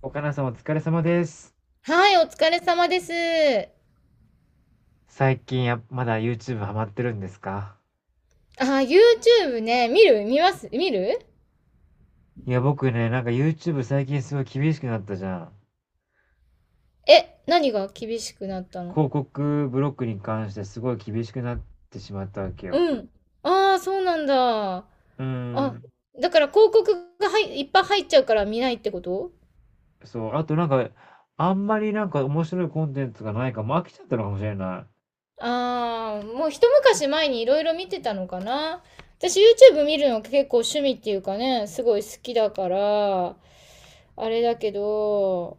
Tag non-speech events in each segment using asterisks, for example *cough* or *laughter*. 岡菜さんお疲れ様です。はい、お疲れ様です。最近や、まだ YouTube ハマってるんですか？YouTube ね、見ます。いや、僕ね、なんか YouTube 最近すごい厳しくなったじゃん。え、何が厳しくなったの？広告ブロックに関してすごい厳しくなってしまったわけよ。うん。ああ、そうなんだ。あ、うーん。だから広告がはいいっぱい入っちゃうから見ないってこと？そう。あとなんか、あんまりなんか面白いコンテンツがないから、も飽きちゃったのかもしれない。ああ、もう一昔前にいろいろ見てたのかな。私 YouTube 見るの結構趣味っていうかね、すごい好きだから、あれだけど、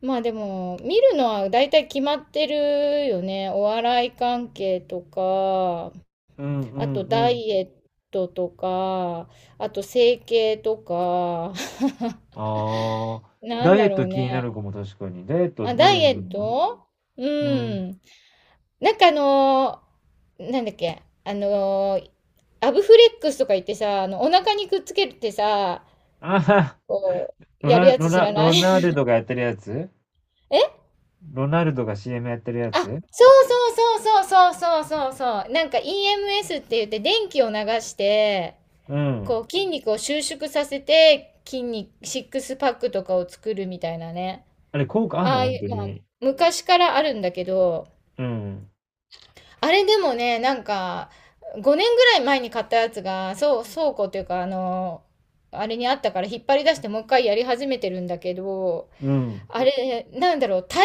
まあでも、見るのは大体決まってるよね。お笑い関係とか、うんうあとんうダん。イエットとか、あと整形とか、*laughs* ああ、なんダイエだッろトう気になね。る子も確かに。ダイエットあ、ダ何イ見エてッんの？ト。ううん。ん。なんかあのーなんだっけ、あのーアブフレックスとか言ってさ、あの、お腹にくっつけてさ、あはは、こう、やるやつ知らない？ ロ *laughs* ナルドがやってるやつ？え？ロナルドが CM やってるやあ、つ？そうそうそうそうそうそうそう。なんか EMS って言って電気を流して、うん。こう筋肉を収縮させて筋肉、シックスパックとかを作るみたいなね。あれ効果あんあのあ本い当う、まあ、に？昔からあるんだけど、うん。あれでもね、なんか5年ぐらい前に買ったやつが、そう、倉庫っていうか、あの、あれにあったから引っ張り出してもう一回やり始めてるんだけど、うん。あれ、なんだろう、帯同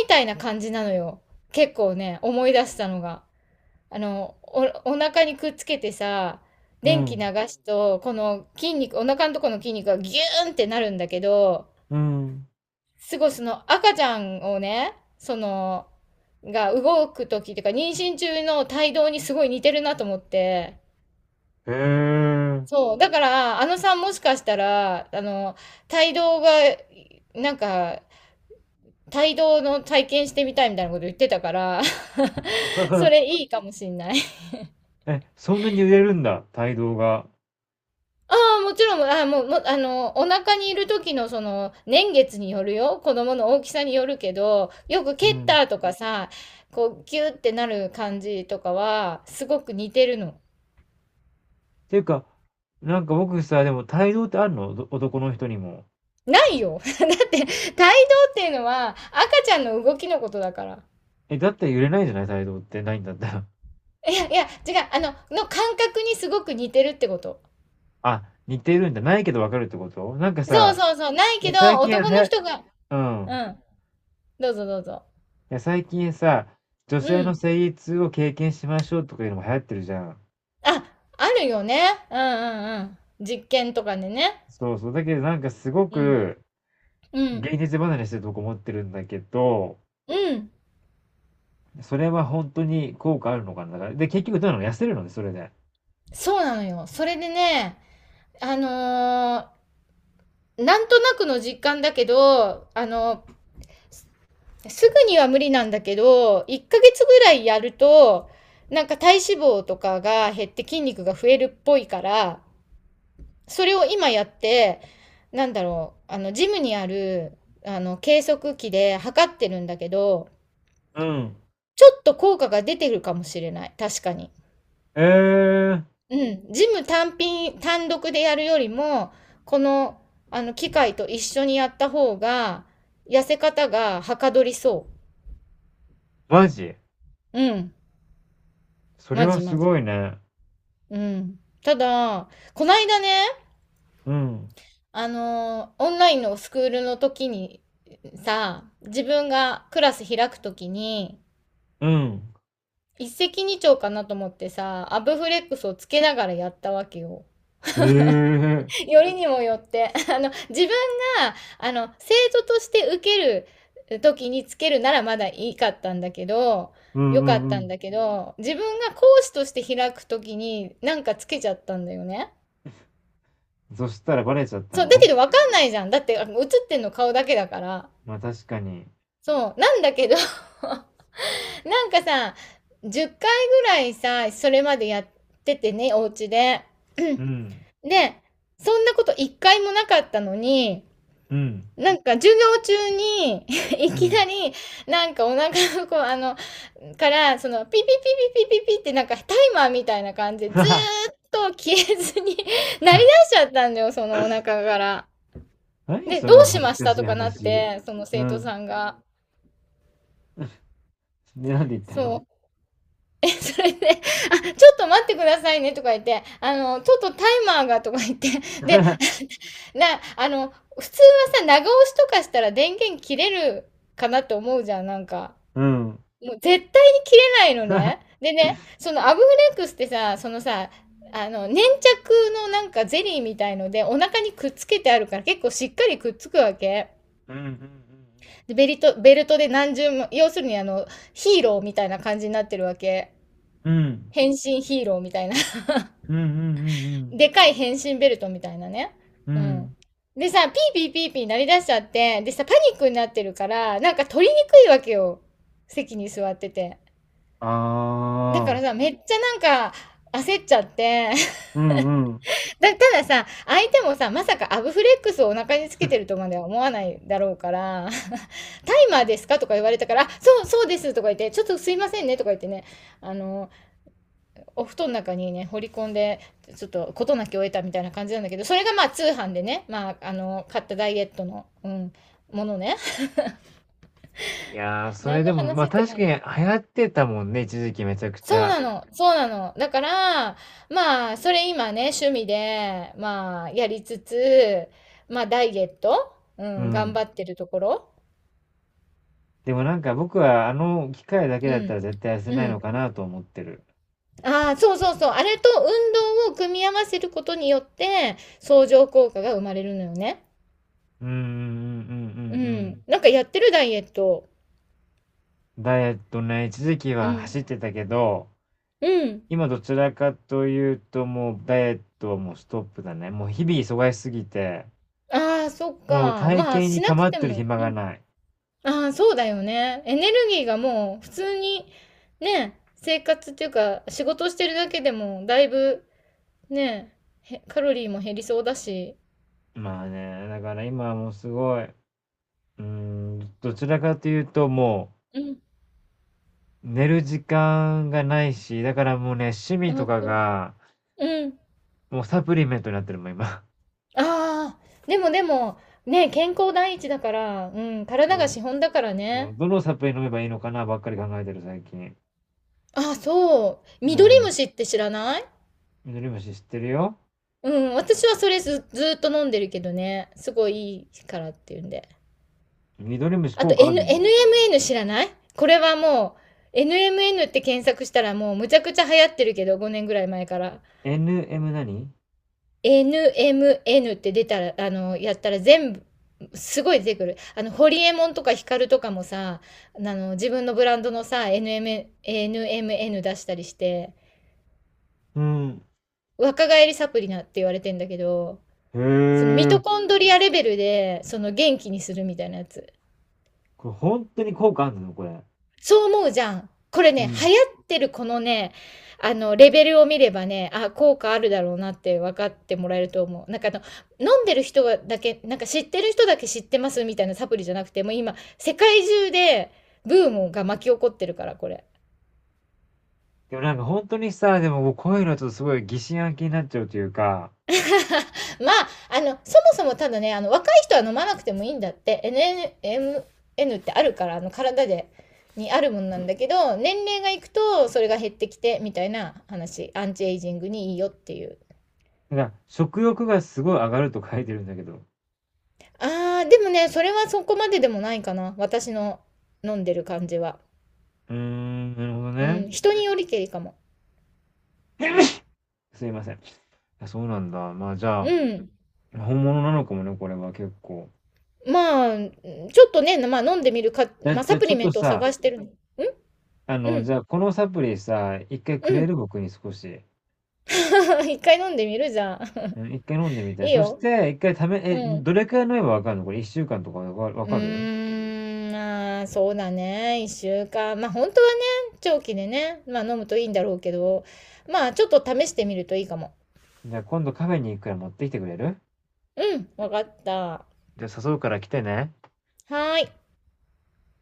みたいな感じなのよ。結構ね、思い出したのが。あの、お、お腹にくっつけてさ、う電気ん。流すと、この筋肉、お腹のとこの筋肉がギューンってなるんだけど、うん。すごいその赤ちゃんをね、その、が動く時っていうか、妊娠中の胎動にすごい似てるなと思って。へえ。そう。だから、あのさんもしかしたら、あの、胎動が、なんか、胎動の体験してみたいみたいなこと言ってたから、*laughs* それ *laughs* いいかもしんない。え、そんなに売れるんだ、帯同が？ああ、もちろん、あもう、もあの、お腹にいる時のその、年月によるよ。子供の大きさによるけど、よくう蹴っん。たとかさ、こう、ギューってなる感じとかは、すごく似てるの。っていうか、なんか僕さ、でも帯同ってあるのおど男の人にも？ないよ。*laughs* だって、胎動っていうのは、赤ちゃんの動きのことだから。え、だったら揺れないじゃない、帯同ってないんだったら。いや、いや、違う、あの、の感覚にすごく似てるってこと。*laughs* あ、似てるんだ。ないけどわかるってことなんかそうさ、そうそう、ないいけやど、最近男はのや、人が、ううん。ん、どうぞどうぞ。いや最近さ、女性うのん。生理痛を経験しましょうとかいうのも流行ってるじゃん。あ、あるよね。うんうんうん。実験とかでね。そうそう。だけどなんかすごうん。くうん。現実離れしてるとこ思ってるんだけど、うん。それは本当に効果あるのかな。だからで、結局どうなの、痩せるのね、それで。そうなのよ。それでね、あのー、なんとなくの実感だけど、あの、すぐには無理なんだけど、1ヶ月ぐらいやると、なんか体脂肪とかが減って筋肉が増えるっぽいから、それを今やって、なんだろう、あの、ジムにある、あの、計測器で測ってるんだけど、うん、ちょっと効果が出てるかもしれない。確かに。えー、うん、ジム単品、単独でやるよりも、この、あの、機械と一緒にやった方が、痩せ方がはかどりそマジ？う。うん、それマはジすマジ。ごいね。うん。ただ、こないだね、うん、オンラインのスクールの時に、さ、自分がクラス開く時に、うん、一石二鳥かなと思ってさ、アブフレックスをつけながらやったわけよ。えー、*laughs* よりにもよって *laughs* あの自分があの生徒として受ける時につけるならまだいいかったんだけど、うん、ようかっん、うたんん、だけど自分が講師として開く時になんかつけちゃったんだよね。そしたらバレちゃったそうだの？けどわかんないじゃん、だってあの映ってんの顔だけだから。まあ確かに。そうなんだけど、 *laughs* なんかさ10回ぐらいさそれまでやっててねお家で。うん、*clears throat* で、そんなこと一回もなかったのに、うん。なんか授業中に *laughs* いうきなん。り、なんかお腹のこう、あの、から、その、ピピピピピピピってなんかタイマーみたいな感じでず *laughs* ーっと消えずに *laughs* 鳴り出しちゃったんだよ、そのお腹から。何で、そどのうし恥まずしかたしといかなっ話。て、そのう生徒ん。さんが。で、なんで言ったその？ う。え、それで、あ、ちょっと待ってくださいねとか言って、あの、ちょっとタイマーがとか言って、で、*laughs* *laughs* な、あの、普通はさ、長押しとかしたら電源切れるかなって思うじゃん、なんか。うん、うん、もう絶対に切れないのね。でね、そのアブフレックスってさ、そのさ、あの、粘着のなんかゼリーみたいのでお腹にくっつけてあるから結構しっかりくっつくわけ。うん、うん。うんで、ベルトで何重も、要するにあの、ヒーローみたいな感じになってるわけ。うん。変身ヒーローみたいな。うんうんう *laughs* んでかい変身ベルトみたいなね。うんううん。うん。ん。でさ、ピーピーピーピー鳴り出しちゃって、でさ、パニックになってるから、なんか取りにくいわけよ。席に座ってて。あだからあ。さ、めっちゃなんか焦っちゃって *laughs* うんうん。たださ、相手もさ、まさかアブフレックスをお腹につけてるとまでは思わないだろうから、*laughs* タイマーですかとか言われたから、あそう、そうですとか言って、ちょっとすいませんねとか言ってね、あの、お布団の中にね、掘り込んで、ちょっと事なきを得たみたいな感じなんだけど、それがまあ通販でね、まあ、あの、買ったダイエットの、うん、ものね。いやー、*laughs* そ何れのでも、話ま、って確か感にじ。流行ってたもんね、一時期めちゃくちそうゃ。なの、そうなの。だから、まあ、それ今ね、趣味で、まあ、やりつつ、まあ、ダイエット、ううん、頑ん。張ってるところ。でもなんか僕はあの機械だけうだったん。ら絶対痩せうないん。のかなと思ってる。ああ、そうそうそう。あれと運動を組み合わせることによって、相乗効果が生まれるのよね。うんうんうんうんうんううん。ん。なんかやってるダイエット。ダイエットね、一時期うはん。走ってたけど、うん。今どちらかというともうダイエットはもうストップだね。もう日々忙しすぎて、ああ、そっもうか。体ま型あ、にしなく構っててるも。暇がない。ああ、そうだよね。エネルギーがもう普通にね、生活っていうか仕事をしてるだけでもだいぶね、へカロリーも減りそうだし。まあね、だから今はもうすごい、うーん、どちらかというともうん。う寝る時間がないし、だからもうね、趣味とあかと、が、うん。もうサプリメントになってるもん、今。ああ、でもでも、ね、健康第一だから、うん、体がも資本だからう、もね。うどのサプリ飲めばいいのかなばっかり考えてる、最近。あそう。う緑ん。虫って知らない？緑虫知ってるよ。うん、私はそれず、ずーっと飲んでるけどね。すごいいいからっていうんで。緑虫あ効と、果あん の？ NMN 知らない？これはもう、NMN って検索したらもうむちゃくちゃ流行ってるけど、5年ぐらい前から。NM 何？ NMN って出たら、あの、やったら全部、すごい出てくる。あの、ホリエモンとかヒカルとかもさ、あの、自分のブランドのさ、NMN 出したりして、うん。若返りサプリなって言われてんだけど、へそのミトえ。コンドリアレベルで、その元気にするみたいなやつ。これ本当に効果あんの、これ？そう思うじゃん。これうね、流ん。行ってるこのね、あの、レベルを見ればね、あ、効果あるだろうなって分かってもらえると思う。なんかあの、飲んでる人がだけ、なんか知ってる人だけ知ってますみたいなサプリじゃなくて、もう今、世界中で、ブームが巻き起こってるから、これ。でもなんか本当にさ、でもこういうのはちょっとすごい疑心暗鬼になっちゃうというか、*laughs* まあ、あの、そもそもただね、あの、若い人は飲まなくてもいいんだって、エヌエムエヌってあるから、あの、体で、にあるもんなんだけど、年齢がいくと、それが減ってきて、みたいな話、アンチエイジングにいいよっていう。だから、食欲がすごい上がると書いてるんだけど。ああ、でもね、それはそこまででもないかな。私の飲んでる感じは。うーん、なるほどうね。ん、人によりけりかも。*laughs* すいません。あそうなんだ。まあ、じゃうあ、ん。本物なのかもね、これは結構。まあ、ちょっとね、まあ飲んでみるか、じゃあ、まあじサゃ、プちょリっメとントをさ、探してるの。ん。あうの、じん。ゃあ、このサプリさ、一回うくれん。る、僕に少し？*laughs* 一回飲んでみるじゃん。うん、一回飲んでみ *laughs* て。いいそしよ。て、一回ため、え、うん。どれくらい飲めばわかるの、これ、一週間とかわかわうかる？ーん、まあ、そうだね。一週間。まあ本当はね、長期でね、まあ飲むといいんだろうけど、まあちょっと試してみるといいかも。じゃあ、今度カフェに行くから持ってきてくれる？うん、わかった。はじゃあ、誘うから来てね。ーい。